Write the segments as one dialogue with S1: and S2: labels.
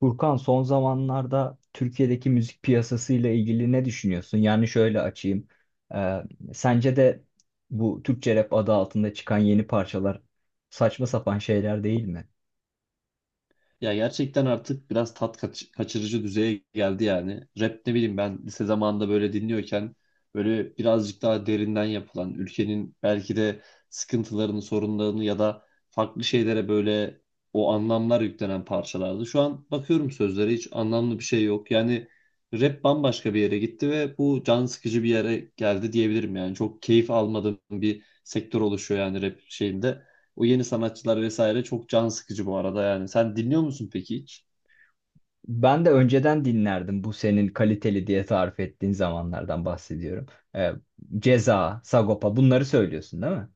S1: Furkan son zamanlarda Türkiye'deki müzik piyasası ile ilgili ne düşünüyorsun? Yani şöyle açayım. Ee, sence de bu Türkçe rap adı altında çıkan yeni parçalar saçma sapan şeyler değil mi?
S2: Ya gerçekten artık biraz tat kaçırıcı düzeye geldi yani. Rap, ne bileyim ben lise zamanında böyle dinliyorken böyle birazcık daha derinden yapılan ülkenin belki de sıkıntılarını, sorunlarını ya da farklı şeylere böyle o anlamlar yüklenen parçalardı. Şu an bakıyorum sözlere hiç anlamlı bir şey yok. Yani rap bambaşka bir yere gitti ve bu can sıkıcı bir yere geldi diyebilirim yani. Çok keyif almadığım bir sektör oluşuyor yani rap şeyinde. O yeni sanatçılar vesaire çok can sıkıcı bu arada yani. Sen dinliyor musun peki hiç?
S1: Ben de önceden dinlerdim, bu senin kaliteli diye tarif ettiğin zamanlardan bahsediyorum. Ee, Ceza, Sagopa bunları söylüyorsun değil mi?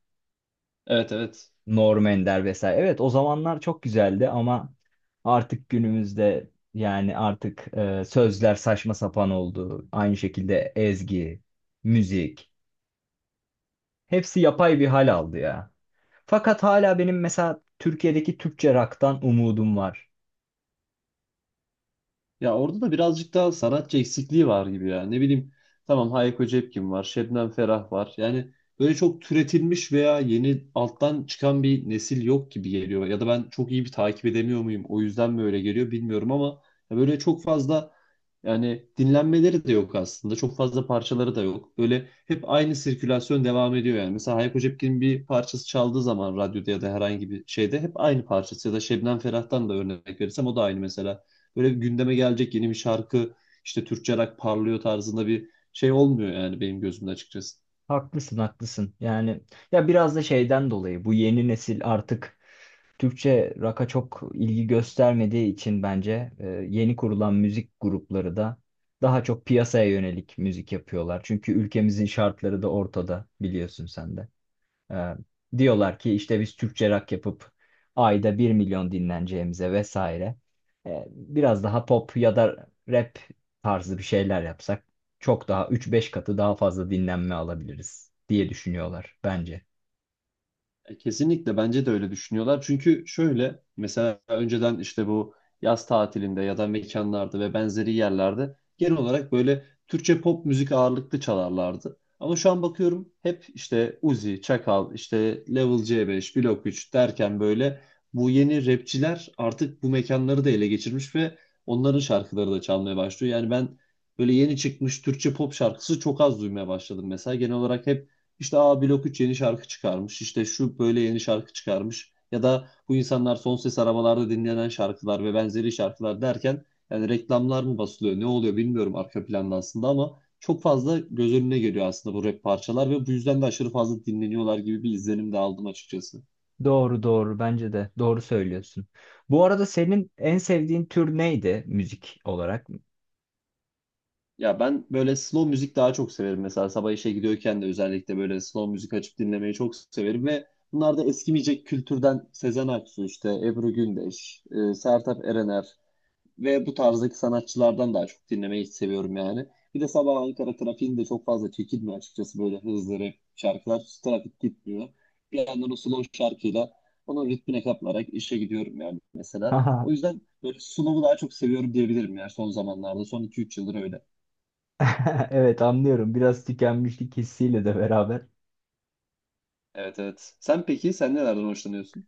S2: Evet, evet.
S1: Norm Ender vesaire. Evet o zamanlar çok güzeldi ama artık günümüzde, yani artık sözler saçma sapan oldu. Aynı şekilde ezgi, müzik, hepsi yapay bir hal aldı ya. Fakat hala benim mesela Türkiye'deki Türkçe rock'tan umudum var.
S2: Ya orada da birazcık daha sanatçı eksikliği var gibi ya. Ne bileyim, tamam, Hayko Cepkin var, Şebnem Ferah var. Yani böyle çok türetilmiş veya yeni alttan çıkan bir nesil yok gibi geliyor. Ya da ben çok iyi bir takip edemiyor muyum? O yüzden mi öyle geliyor bilmiyorum ama ya böyle çok fazla yani dinlenmeleri de yok aslında. Çok fazla parçaları da yok. Böyle hep aynı sirkülasyon devam ediyor yani. Mesela Hayko Cepkin'in bir parçası çaldığı zaman radyoda ya da herhangi bir şeyde hep aynı parçası, ya da Şebnem Ferah'tan da örnek verirsem o da aynı mesela. Böyle bir gündeme gelecek yeni bir şarkı, işte Türkçe rock parlıyor tarzında bir şey olmuyor yani benim gözümde açıkçası.
S1: Haklısın, haklısın. Yani ya biraz da şeyden dolayı, bu yeni nesil artık Türkçe rock'a çok ilgi göstermediği için bence yeni kurulan müzik grupları da daha çok piyasaya yönelik müzik yapıyorlar. Çünkü ülkemizin şartları da ortada, biliyorsun sen de. Ee, diyorlar ki işte biz Türkçe rock yapıp ayda bir milyon dinleneceğimize vesaire. Biraz daha pop ya da rap tarzı bir şeyler yapsak çok daha üç beş katı daha fazla dinlenme alabiliriz diye düşünüyorlar bence.
S2: Kesinlikle bence de öyle düşünüyorlar. Çünkü şöyle, mesela önceden işte bu yaz tatilinde ya da mekanlarda ve benzeri yerlerde genel olarak böyle Türkçe pop müzik ağırlıklı çalarlardı. Ama şu an bakıyorum hep işte Uzi, Çakal, işte Level C5, Blok 3 derken böyle bu yeni rapçiler artık bu mekanları da ele geçirmiş ve onların şarkıları da çalmaya başlıyor. Yani ben böyle yeni çıkmış Türkçe pop şarkısı çok az duymaya başladım mesela. Genel olarak hep işte A Blok 3 yeni şarkı çıkarmış. İşte şu böyle yeni şarkı çıkarmış. Ya da bu insanlar son ses arabalarda dinlenen şarkılar ve benzeri şarkılar derken, yani reklamlar mı basılıyor ne oluyor bilmiyorum arka planda aslında, ama çok fazla göz önüne geliyor aslında bu rap parçalar ve bu yüzden de aşırı fazla dinleniyorlar gibi bir izlenim de aldım açıkçası.
S1: Doğru doğru, bence de doğru söylüyorsun. Bu arada senin en sevdiğin tür neydi müzik olarak?
S2: Ya ben böyle slow müzik daha çok severim mesela. Sabah işe gidiyorken de özellikle böyle slow müzik açıp dinlemeyi çok severim ve bunlar da eskimeyecek kültürden Sezen Aksu, işte Ebru Gündeş, Sertab Erener ve bu tarzdaki sanatçılardan daha çok dinlemeyi seviyorum yani. Bir de sabah Ankara trafiğinde çok fazla çekilmiyor açıkçası böyle hızlı rap şarkılar. Trafik gitmiyor. Bir yandan o slow şarkıyla onun ritmine kaplarak işe gidiyorum yani mesela. O yüzden böyle slow'u daha çok seviyorum diyebilirim yani, son zamanlarda. Son iki üç yıldır öyle.
S1: Evet anlıyorum, biraz tükenmişlik hissiyle de beraber.
S2: Evet, evet. Sen peki, sen nelerden hoşlanıyorsun?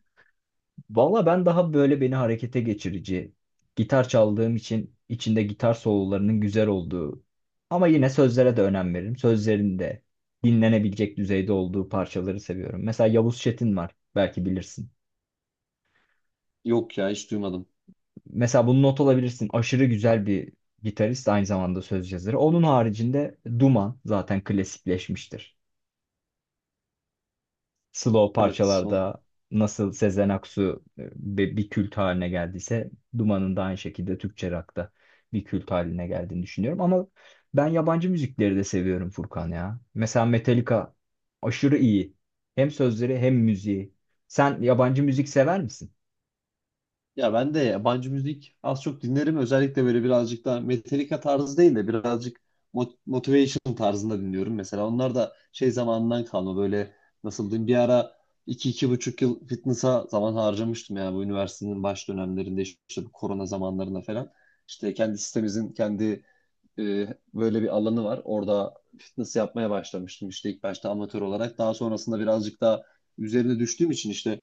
S1: Valla ben daha böyle beni harekete geçirici, gitar çaldığım için içinde gitar sololarının güzel olduğu, ama yine sözlere de önem veririm. Sözlerin de dinlenebilecek düzeyde olduğu parçaları seviyorum. Mesela Yavuz Çetin var, belki bilirsin.
S2: Yok ya, hiç duymadım.
S1: Mesela bunu not alabilirsin. Aşırı güzel bir gitarist, aynı zamanda söz yazarı. Onun haricinde Duman zaten klasikleşmiştir. Slow
S2: Evet, son.
S1: parçalarda nasıl Sezen Aksu bir kült haline geldiyse, Duman'ın da aynı şekilde Türkçe rock'ta bir kült haline geldiğini düşünüyorum. Ama ben yabancı müzikleri de seviyorum Furkan ya. Mesela Metallica aşırı iyi. Hem sözleri hem müziği. Sen yabancı müzik sever misin?
S2: Ya ben de yabancı müzik az çok dinlerim. Özellikle böyle birazcık daha Metallica tarzı değil de birazcık motivation tarzında dinliyorum. Mesela onlar da şey zamanından kalma. Böyle, nasıl diyeyim, bir ara iki 2,5 yıl fitness'a zaman harcamıştım ya, bu üniversitenin baş dönemlerinde, işte bu korona zamanlarında falan. İşte kendi sitemizin kendi, e, böyle bir alanı var. Orada fitness yapmaya başlamıştım işte, ilk başta amatör olarak. Daha sonrasında birazcık daha üzerine düştüğüm için işte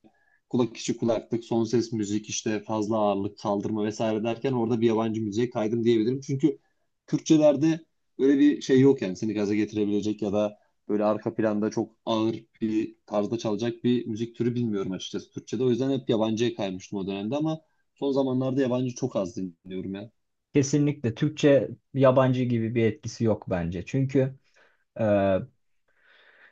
S2: kulak içi kulaklık, son ses müzik, işte fazla ağırlık kaldırma vesaire derken orada bir yabancı müziğe kaydım diyebilirim. Çünkü Türkçelerde böyle bir şey yok yani, seni gaza getirebilecek ya da böyle arka planda çok ağır bir tarzda çalacak bir müzik türü bilmiyorum açıkçası Türkçede. O yüzden hep yabancıya kaymıştım o dönemde, ama son zamanlarda yabancı çok az dinliyorum ya.
S1: Kesinlikle Türkçe, yabancı gibi bir etkisi yok bence. Çünkü e,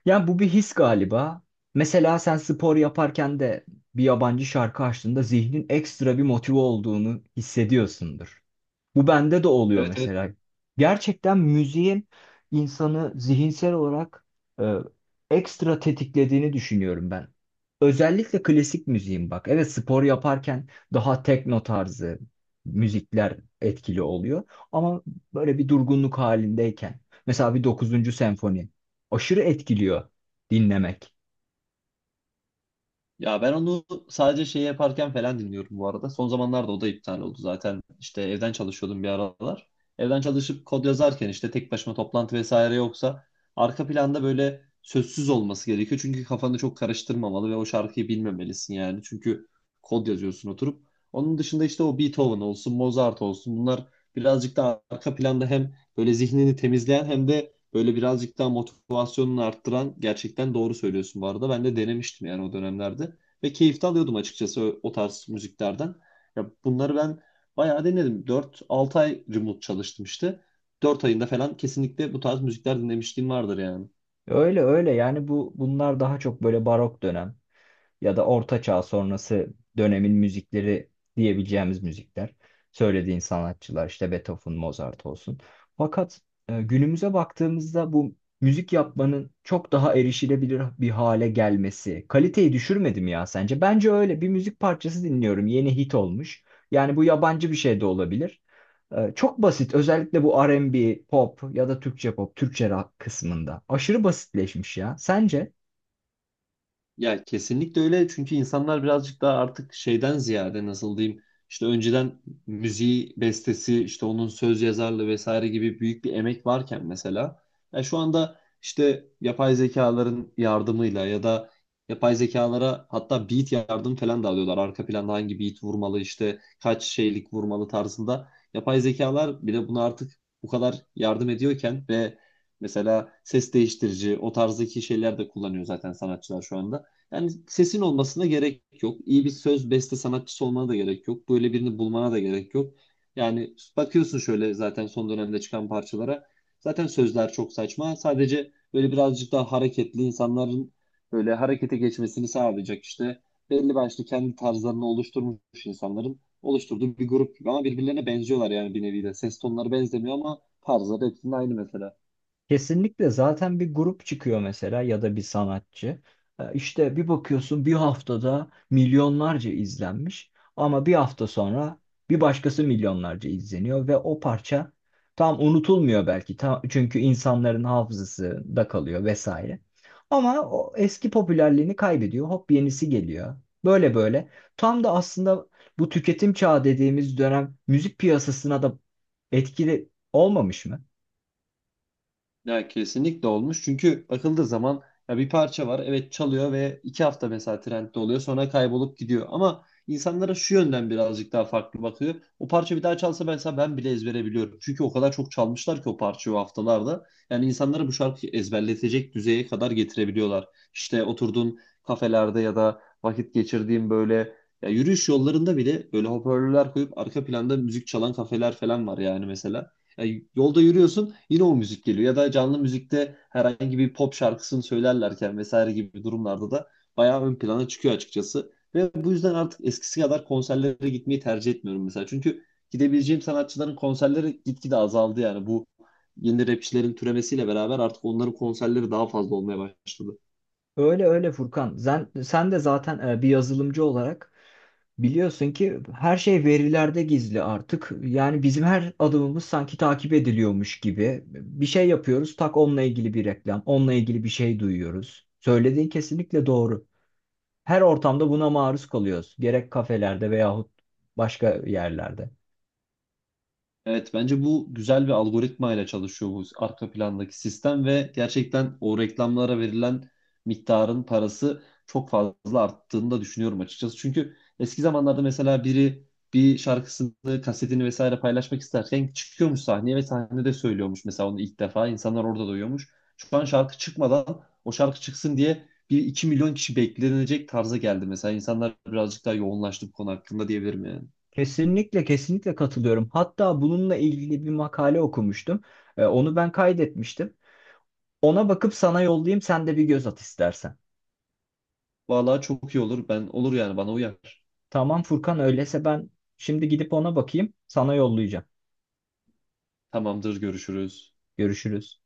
S1: yani bu bir his galiba. Mesela sen spor yaparken de bir yabancı şarkı açtığında zihnin ekstra bir motive olduğunu hissediyorsundur. Bu bende de oluyor
S2: Evet, evet.
S1: mesela. Gerçekten müziğin insanı zihinsel olarak e, ekstra tetiklediğini düşünüyorum ben. Özellikle klasik müziğin bak. Evet, spor yaparken daha tekno tarzı müzikler etkili oluyor. Ama böyle bir durgunluk halindeyken, mesela bir dokuzuncu senfoni aşırı etkiliyor dinlemek.
S2: Ya ben onu sadece şey yaparken falan dinliyorum bu arada. Son zamanlarda o da iptal oldu zaten. İşte evden çalışıyordum bir aralar. Evden çalışıp kod yazarken işte, tek başıma toplantı vesaire yoksa, arka planda böyle sözsüz olması gerekiyor. Çünkü kafanı çok karıştırmamalı ve o şarkıyı bilmemelisin yani. Çünkü kod yazıyorsun oturup. Onun dışında işte o, Beethoven olsun, Mozart olsun, bunlar birazcık da arka planda hem böyle zihnini temizleyen hem de böyle birazcık daha motivasyonunu arttıran, gerçekten doğru söylüyorsun bu arada. Ben de denemiştim yani o dönemlerde ve keyif de alıyordum açıkçası o tarz müziklerden. Ya bunları ben bayağı denedim. Dört 6 ay remote çalıştım işte. Dört ayında falan kesinlikle bu tarz müzikler dinlemişliğim vardır yani.
S1: Öyle öyle, yani bu bunlar daha çok böyle barok dönem, ya da orta çağ sonrası dönemin müzikleri diyebileceğimiz müzikler. Söylediğin sanatçılar işte Beethoven, Mozart olsun. Fakat günümüze baktığımızda bu müzik yapmanın çok daha erişilebilir bir hale gelmesi kaliteyi düşürmedi mi ya sence? Bence öyle. Bir müzik parçası dinliyorum. Yeni hit olmuş. Yani bu yabancı bir şey de olabilir. Çok basit. Özellikle bu R&B, pop ya da Türkçe pop, Türkçe rock kısmında. Aşırı basitleşmiş ya. Sence?
S2: Ya kesinlikle öyle, çünkü insanlar birazcık daha artık şeyden ziyade, nasıl diyeyim, işte önceden müziği, bestesi, işte onun söz yazarlığı vesaire gibi büyük bir emek varken, mesela, ya şu anda işte yapay zekaların yardımıyla ya da yapay zekalara hatta beat yardım falan da alıyorlar. Arka planda hangi beat vurmalı, işte kaç şeylik vurmalı tarzında yapay zekalar bile buna artık bu kadar yardım ediyorken ve mesela ses değiştirici, o tarzdaki şeyler de kullanıyor zaten sanatçılar şu anda. Yani sesin olmasına gerek yok. İyi bir söz beste sanatçısı olmana da gerek yok. Böyle birini bulmana da gerek yok. Yani bakıyorsun şöyle zaten son dönemde çıkan parçalara. Zaten sözler çok saçma. Sadece böyle birazcık daha hareketli, insanların böyle harekete geçmesini sağlayacak işte. Belli başlı kendi tarzlarını oluşturmuş insanların oluşturduğu bir grup gibi, ama birbirlerine benziyorlar yani bir nevi de. Ses tonları benzemiyor ama tarzları hepsinin aynı mesela.
S1: Kesinlikle, zaten bir grup çıkıyor mesela ya da bir sanatçı. İşte bir bakıyorsun bir haftada milyonlarca izlenmiş, ama bir hafta sonra bir başkası milyonlarca izleniyor ve o parça tam unutulmuyor belki, tam, çünkü insanların hafızasında kalıyor vesaire. Ama o eski popülerliğini kaybediyor, hop yenisi geliyor. Böyle böyle, tam da aslında bu tüketim çağı dediğimiz dönem müzik piyasasına da etkili olmamış mı?
S2: Ya kesinlikle olmuş. Çünkü bakıldığı zaman ya, bir parça var. Evet çalıyor ve 2 hafta mesela trendde oluyor. Sonra kaybolup gidiyor. Ama insanlara şu yönden birazcık daha farklı bakıyor: o parça bir daha çalsa mesela, ben bile ezbere biliyorum. Çünkü o kadar çok çalmışlar ki o parçayı, o haftalarda. Yani insanları bu şarkıyı ezberletecek düzeye kadar getirebiliyorlar. İşte oturduğun kafelerde ya da vakit geçirdiğin böyle, ya, yürüyüş yollarında bile böyle hoparlörler koyup arka planda müzik çalan kafeler falan var yani mesela. Yani yolda yürüyorsun, yine o müzik geliyor. Ya da canlı müzikte herhangi bir pop şarkısını söylerlerken vesaire gibi durumlarda da bayağı ön plana çıkıyor açıkçası. Ve bu yüzden artık eskisi kadar konserlere gitmeyi tercih etmiyorum mesela. Çünkü gidebileceğim sanatçıların konserleri gitgide azaldı yani. Bu yeni rapçilerin türemesiyle beraber artık onların konserleri daha fazla olmaya başladı.
S1: Öyle öyle Furkan. Sen de zaten bir yazılımcı olarak biliyorsun ki her şey verilerde gizli artık. Yani bizim her adımımız sanki takip ediliyormuş gibi. Bir şey yapıyoruz, tak onunla ilgili bir reklam, onunla ilgili bir şey duyuyoruz. Söylediğin kesinlikle doğru. Her ortamda buna maruz kalıyoruz. Gerek kafelerde veyahut başka yerlerde.
S2: Evet, bence bu güzel bir algoritma ile çalışıyor bu arka plandaki sistem ve gerçekten o reklamlara verilen miktarın parası çok fazla arttığını da düşünüyorum açıkçası. Çünkü eski zamanlarda mesela biri bir şarkısını, kasetini vesaire paylaşmak isterken çıkıyormuş sahneye ve sahnede söylüyormuş mesela onu ilk defa. İnsanlar orada duyuyormuş. Şu an şarkı çıkmadan o şarkı çıksın diye bir 2 milyon kişi beklenecek tarza geldi mesela. İnsanlar birazcık daha yoğunlaştı bu konu hakkında diyebilirim yani.
S1: Kesinlikle, kesinlikle katılıyorum. Hatta bununla ilgili bir makale okumuştum. Onu ben kaydetmiştim. Ona bakıp sana yollayayım, sen de bir göz at istersen.
S2: Vallahi çok iyi olur. Ben, olur yani, bana uyar.
S1: Tamam Furkan, öyleyse ben şimdi gidip ona bakayım, sana yollayacağım.
S2: Tamamdır, görüşürüz.
S1: Görüşürüz.